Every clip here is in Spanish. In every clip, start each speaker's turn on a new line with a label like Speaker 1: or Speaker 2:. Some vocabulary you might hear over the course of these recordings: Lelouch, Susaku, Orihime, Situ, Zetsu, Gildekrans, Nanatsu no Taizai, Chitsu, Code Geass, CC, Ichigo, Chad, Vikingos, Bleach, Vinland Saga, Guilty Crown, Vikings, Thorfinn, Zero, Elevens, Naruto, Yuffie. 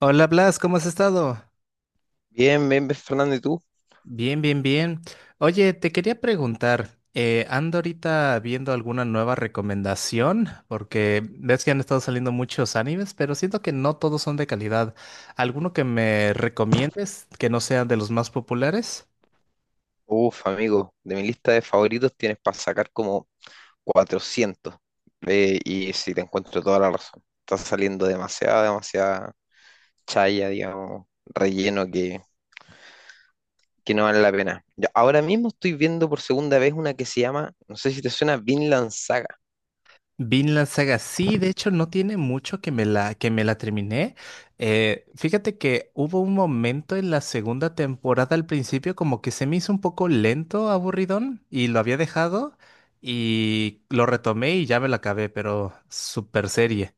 Speaker 1: Hola Blas, ¿cómo has estado?
Speaker 2: Bien, bien, bien, Fernando, ¿y tú?
Speaker 1: Bien, bien, bien. Oye, te quería preguntar, ando ahorita viendo alguna nueva recomendación, porque ves que han estado saliendo muchos animes, pero siento que no todos son de calidad. ¿Alguno que me recomiendes que no sea de los más populares?
Speaker 2: Uf, amigo, de mi lista de favoritos tienes para sacar como 400. Y sí, te encuentro toda la razón. Está saliendo demasiada, demasiada chaya, digamos, relleno que no vale la pena. Yo ahora mismo estoy viendo por segunda vez una que se llama, no sé si te suena, Vinland Saga.
Speaker 1: Vinland Saga, sí, de hecho no tiene mucho que que me la terminé. Fíjate que hubo un momento en la segunda temporada al principio como que se me hizo un poco lento, aburridón, y lo había dejado y lo retomé y ya me la acabé, pero super serie.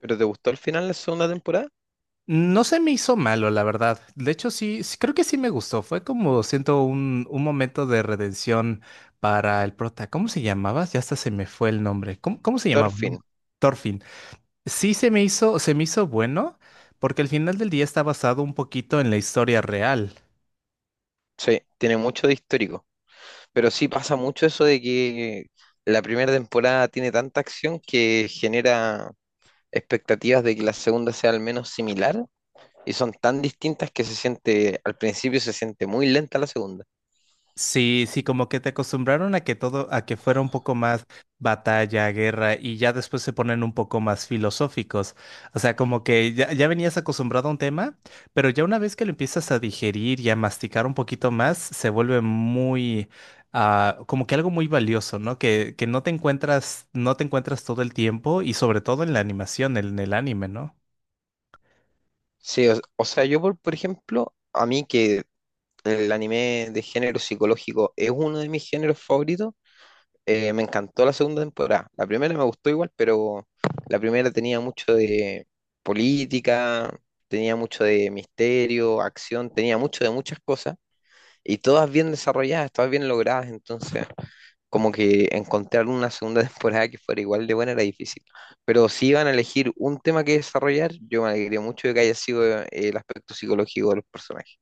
Speaker 2: Pero ¿te gustó el final de la segunda temporada?
Speaker 1: No se me hizo malo, la verdad. De hecho, sí, sí, creo que sí me gustó. Fue como, siento, un momento de redención para el prota. ¿Cómo se llamaba? Ya hasta se me fue el nombre. Cómo se llamaba? No me
Speaker 2: Thorfinn,
Speaker 1: acuerdo. Thorfinn. Sí se me hizo bueno, porque al final del día está basado un poquito en la historia real.
Speaker 2: sí, tiene mucho de histórico. Pero sí pasa mucho eso de que la primera temporada tiene tanta acción que genera expectativas de que la segunda sea al menos similar, y son tan distintas que se siente, al principio se siente muy lenta la segunda.
Speaker 1: Sí, sí, como que te acostumbraron a a que fuera un poco más batalla, guerra, y ya después se ponen un poco más filosóficos. O sea, como que ya venías acostumbrado a un tema, pero ya una vez que lo empiezas a digerir y a masticar un poquito más, se vuelve muy, ah, como que algo muy valioso, ¿no? Que no te encuentras, no te encuentras todo el tiempo, y sobre todo en la animación, en el anime, ¿no?
Speaker 2: Sí, o sea, yo por ejemplo, a mí que el anime de género psicológico es uno de mis géneros favoritos, me encantó la segunda temporada. La primera me gustó igual, pero la primera tenía mucho de política, tenía mucho de misterio, acción, tenía mucho de muchas cosas y todas bien desarrolladas, todas bien logradas. Entonces como que encontrar una segunda temporada que fuera igual de buena era difícil. Pero si iban a elegir un tema que desarrollar, yo me alegré mucho de que haya sido el aspecto psicológico de los personajes.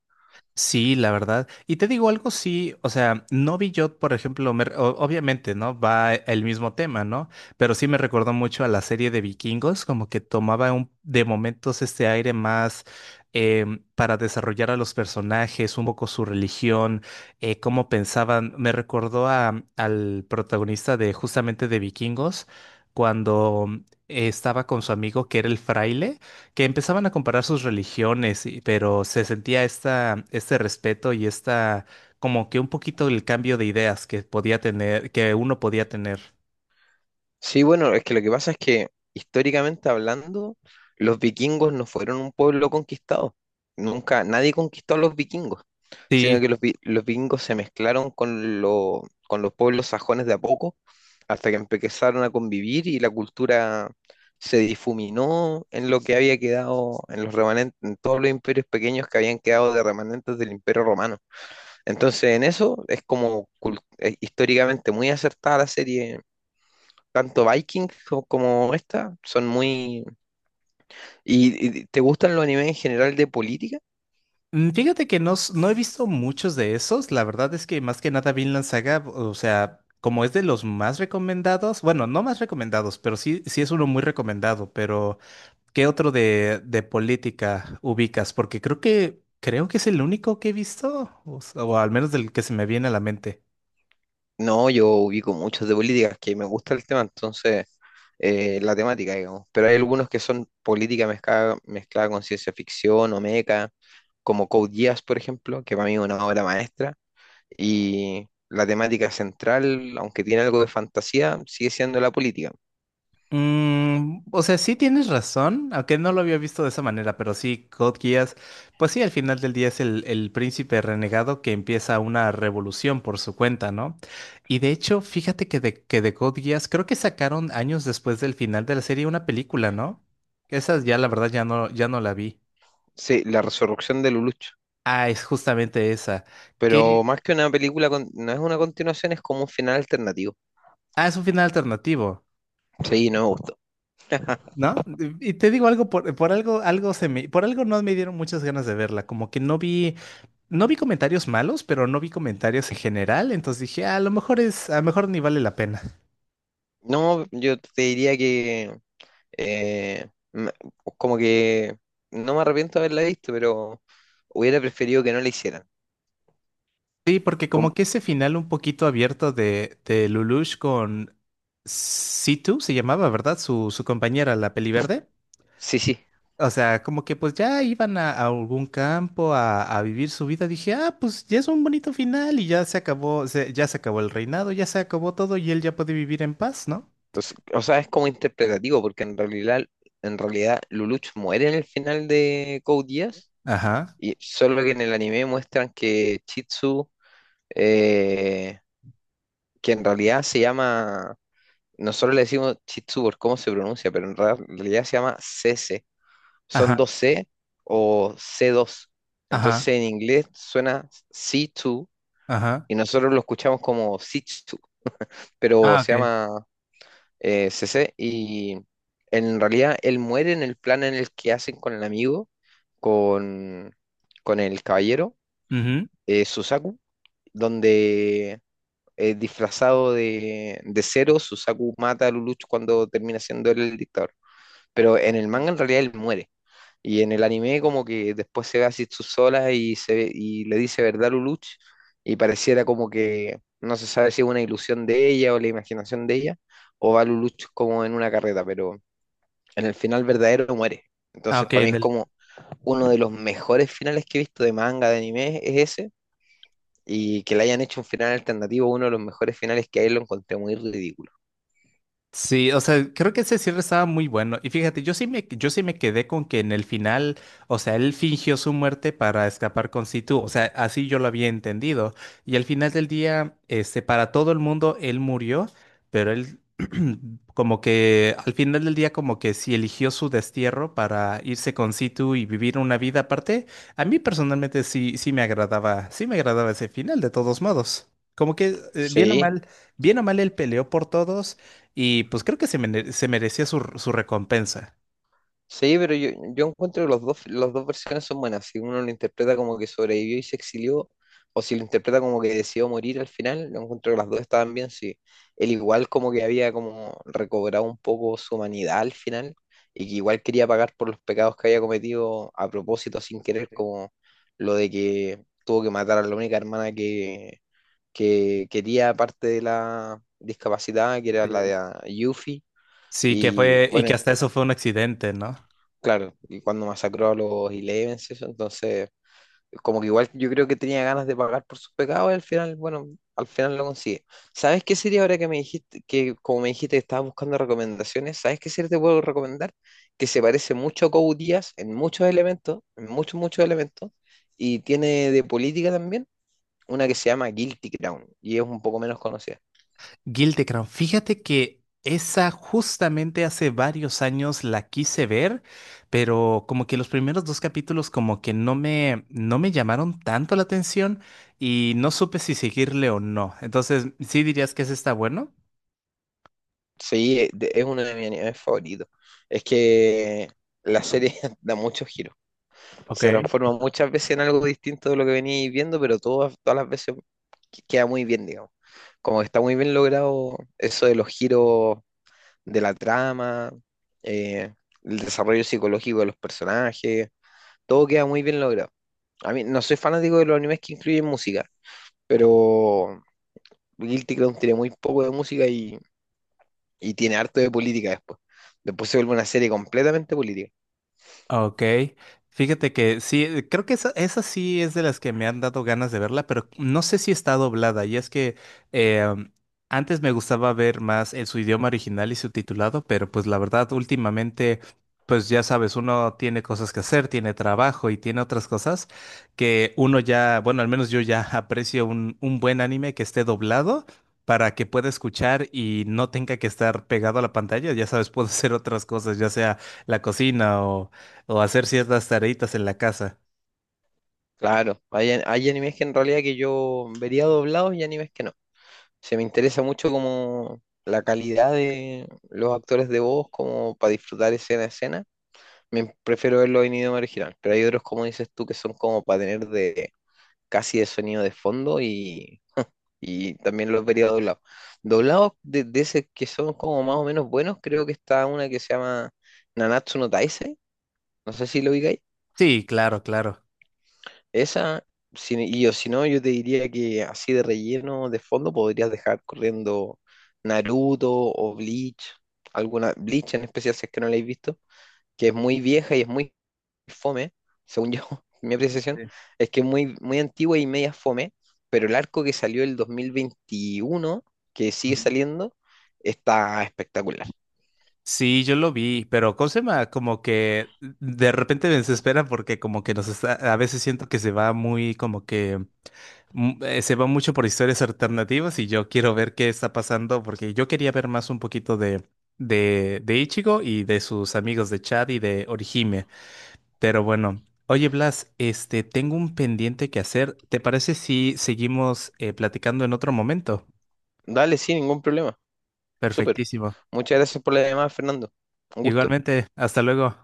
Speaker 1: Sí, la verdad. Y te digo algo, sí, o sea, no vi yo, por ejemplo, obviamente, ¿no? El mismo tema, ¿no? Pero sí me recordó mucho a la serie de Vikingos, como que tomaba un, de momentos este aire más para desarrollar a los personajes, un poco su religión, cómo pensaban. Me recordó al protagonista de justamente de Vikingos, cuando estaba con su amigo que era el fraile que empezaban a comparar sus religiones, pero se sentía esta, este respeto y esta, como que un poquito el cambio de ideas que podía tener, que uno podía tener.
Speaker 2: Sí, bueno, es que lo que pasa es que históricamente hablando, los vikingos no fueron un pueblo conquistado. Nunca nadie conquistó a los vikingos, sino
Speaker 1: Sí.
Speaker 2: que los vikingos se mezclaron con los pueblos sajones de a poco, hasta que empezaron a convivir y la cultura se difuminó en lo que había quedado, en los remanentes, en todos los imperios pequeños que habían quedado de remanentes del Imperio Romano. Entonces, en eso es históricamente muy acertada la serie, tanto como esta son muy... ¿Y, y te gustan los animes en general de política?
Speaker 1: Mm, fíjate que no, no he visto muchos de esos. La verdad es que más que nada Vinland Saga, o sea, como es de los más recomendados, bueno, no más recomendados, pero sí, sí es uno muy recomendado. Pero, ¿qué otro de política ubicas? Porque creo creo que es el único que he visto, o al menos del que se me viene a la mente.
Speaker 2: No, yo ubico muchos de política, que me gusta el tema, entonces la temática, digamos. Pero hay algunos que son política mezclada, mezclada con ciencia ficción o meca, como Code Geass, por ejemplo, que para mí es una obra maestra. Y la temática central, aunque tiene algo de fantasía, sigue siendo la política.
Speaker 1: Mm, o sea, sí tienes razón, aunque no lo había visto de esa manera, pero sí, Code Geass, pues sí, al final del día es el príncipe renegado que empieza una revolución por su cuenta, ¿no? Y de hecho, fíjate que que de Code Geass, creo que sacaron años después del final de la serie una película, ¿no? Esa ya, la verdad, ya no la vi.
Speaker 2: Sí, la resurrección de Lelouch.
Speaker 1: Ah, es justamente esa,
Speaker 2: Pero
Speaker 1: que,
Speaker 2: más que una película, no es una continuación, es como un final alternativo.
Speaker 1: ah, es un final alternativo.
Speaker 2: Sí, no me gustó.
Speaker 1: ¿No? Y te digo algo, por algo, por algo no me dieron muchas ganas de verla, como que no vi, no vi comentarios malos, pero no vi comentarios en general, entonces dije, "Ah, a lo mejor es, a lo mejor ni vale la pena."
Speaker 2: No, yo te diría que eh, me- como que no me arrepiento de haberla visto, pero hubiera preferido que no la hicieran.
Speaker 1: Sí, porque como
Speaker 2: Como
Speaker 1: que ese final un poquito abierto de Lelouch con Situ, se llamaba, ¿verdad? Su compañera, la peliverde.
Speaker 2: sí, sí.
Speaker 1: O sea, como que pues ya iban a algún campo a vivir su vida. Dije, ah, pues ya es un bonito final y ya se acabó, ya se acabó el reinado, ya se acabó todo y él ya puede vivir en paz, ¿no?
Speaker 2: O s- o sea, es como interpretativo, porque en realidad Lelouch muere en el final de Code Geass,
Speaker 1: Ajá,
Speaker 2: y solo que en el anime muestran que Chitsu, eh, que en realidad se llama, nosotros le decimos Chitsu por cómo se pronuncia, pero en realidad se llama CC, son
Speaker 1: ajá,
Speaker 2: 2C o c dos.
Speaker 1: ajá,
Speaker 2: Entonces en inglés suena C2,
Speaker 1: ajá.
Speaker 2: y nosotros lo escuchamos como C2, pero
Speaker 1: Ah,
Speaker 2: se
Speaker 1: ok.
Speaker 2: llama c C. Y en realidad él muere en el plan en el que hacen con el amigo, con, con el caballero,
Speaker 1: Ujú.
Speaker 2: Susaku, donde disfrazado de Zero, Susaku mata a Lelouch cuando termina siendo él el dictador. Pero en el manga en realidad él muere. Y en el anime como que después se ve a Zetsu sola y y le dice verdad Luluch, y pareciera como que no se sabe si es una ilusión de ella o la imaginación de ella, o va Luluch como en una carreta, pero en el final verdadero muere.
Speaker 1: Ah,
Speaker 2: Entonces
Speaker 1: ok,
Speaker 2: para mí
Speaker 1: en
Speaker 2: es
Speaker 1: el
Speaker 2: como uno de los mejores finales que he visto de manga, de anime, es ese. Y que le hayan hecho un final alternativo, uno de los mejores finales que hay, lo encontré muy ridículo.
Speaker 1: sí, o sea, creo que ese cierre estaba muy bueno. Y fíjate, yo sí me quedé con que en el final, o sea, él fingió su muerte para escapar con Situ. O sea, así yo lo había entendido. Y al final del día, este, para todo el mundo, él murió, pero él como que al final del día, como que sí eligió su destierro para irse con Situ y vivir una vida aparte. A mí personalmente sí, sí me agradaba ese final, de todos modos. Como que,
Speaker 2: Sí,
Speaker 1: bien o mal, él peleó por todos. Y pues creo se merecía su, su recompensa.
Speaker 2: sí, pero yo encuentro que los dos, las dos versiones son buenas. Si uno lo interpreta como que sobrevivió y se exilió, o si lo interpreta como que decidió morir al final, yo encuentro que las dos estaban bien. Sí, él igual como que había como recobrado un poco su humanidad al final, y que igual quería pagar por los pecados que había cometido a propósito, sin querer, como lo de que tuvo que matar a la única hermana que quería, aparte de la discapacidad, que era la
Speaker 1: Sí.
Speaker 2: de Yuffie.
Speaker 1: Sí, que
Speaker 2: Y
Speaker 1: fue, y
Speaker 2: bueno,
Speaker 1: que hasta eso fue un accidente, ¿no?
Speaker 2: claro, y cuando masacró a los Elevens, eso, entonces, como que igual yo creo que tenía ganas de pagar por sus pecados y al final, bueno, al final lo consigue. ¿Sabes qué serie, ahora que me dijiste, que como me dijiste que estabas buscando recomendaciones, sabes qué serie te puedo recomendar? Que se parece mucho a Code Geass en muchos elementos, en muchos, muchos elementos, y tiene de política también, una que se llama Guilty Crown, y es un poco menos conocida.
Speaker 1: Gildekrans, fíjate que esa justamente hace varios años la quise ver, pero como que los primeros dos capítulos como que no me llamaron tanto la atención y no supe si seguirle o no. Entonces, ¿sí dirías que ese está bueno?
Speaker 2: Sí, es uno de mis animes favoritos. Es que la serie da muchos giros.
Speaker 1: Ok.
Speaker 2: Se transforma muchas veces en algo distinto de lo que venís viendo, pero todas, todas las veces queda muy bien, digamos. Como que está muy bien logrado eso de los giros de la trama, eh, el desarrollo psicológico de los personajes, todo queda muy bien logrado. A mí no soy fanático de los animes que incluyen música, pero Guilty Crown tiene muy poco de música, y tiene harto de política después. Después se vuelve una serie completamente política.
Speaker 1: Ok, fíjate que sí, creo esa sí es de las que me han dado ganas de verla, pero no sé si está doblada. Y es que eh, antes me gustaba ver más en su idioma original y subtitulado, pero pues la verdad últimamente, pues ya sabes, uno tiene cosas que hacer, tiene trabajo y tiene otras cosas que uno ya, bueno, al menos yo ya aprecio un buen anime que esté doblado para que pueda escuchar y no tenga que estar pegado a la pantalla. Ya sabes, puedo hacer otras cosas, ya sea la cocina o hacer ciertas tareitas en la casa.
Speaker 2: Claro, hay animes que en realidad que yo vería doblados y animes que no. Se me interesa mucho como la calidad de los actores de voz, como para disfrutar escena a escena. Me prefiero verlo en idioma original, pero hay otros, como dices tú, que son como para tener de casi de sonido de fondo, y también los vería doblados. Doblados de ese que son como más o menos buenos, creo que está una que se llama Nanatsu no Taizai, no sé si lo ubicáis.
Speaker 1: Sí, claro, claro.
Speaker 2: Esa, y o si no, yo te diría que así de relleno, de fondo, podrías dejar corriendo Naruto o Bleach, alguna Bleach en especial si es que no la habéis visto, que es muy vieja y es muy fome, según yo, mi apreciación,
Speaker 1: Sí.
Speaker 2: es que es muy, muy antigua y media fome, pero el arco que salió el 2021, que sigue
Speaker 1: Ujú.
Speaker 2: saliendo, está espectacular.
Speaker 1: Sí, yo lo vi, pero ¿cómo se llama? Como que de repente me desespera porque como que nos está, a veces siento que se va muy, como que mm, se va mucho por historias alternativas y yo quiero ver qué está pasando porque yo quería ver más un poquito de Ichigo y de sus amigos de Chad y de Orihime, pero bueno. Oye, Blas, este, tengo un pendiente que hacer. ¿Te parece si seguimos platicando en otro momento?
Speaker 2: Dale, sin ningún problema. Súper.
Speaker 1: Perfectísimo.
Speaker 2: Muchas gracias por la llamada, Fernando. Un gusto.
Speaker 1: Igualmente, hasta luego.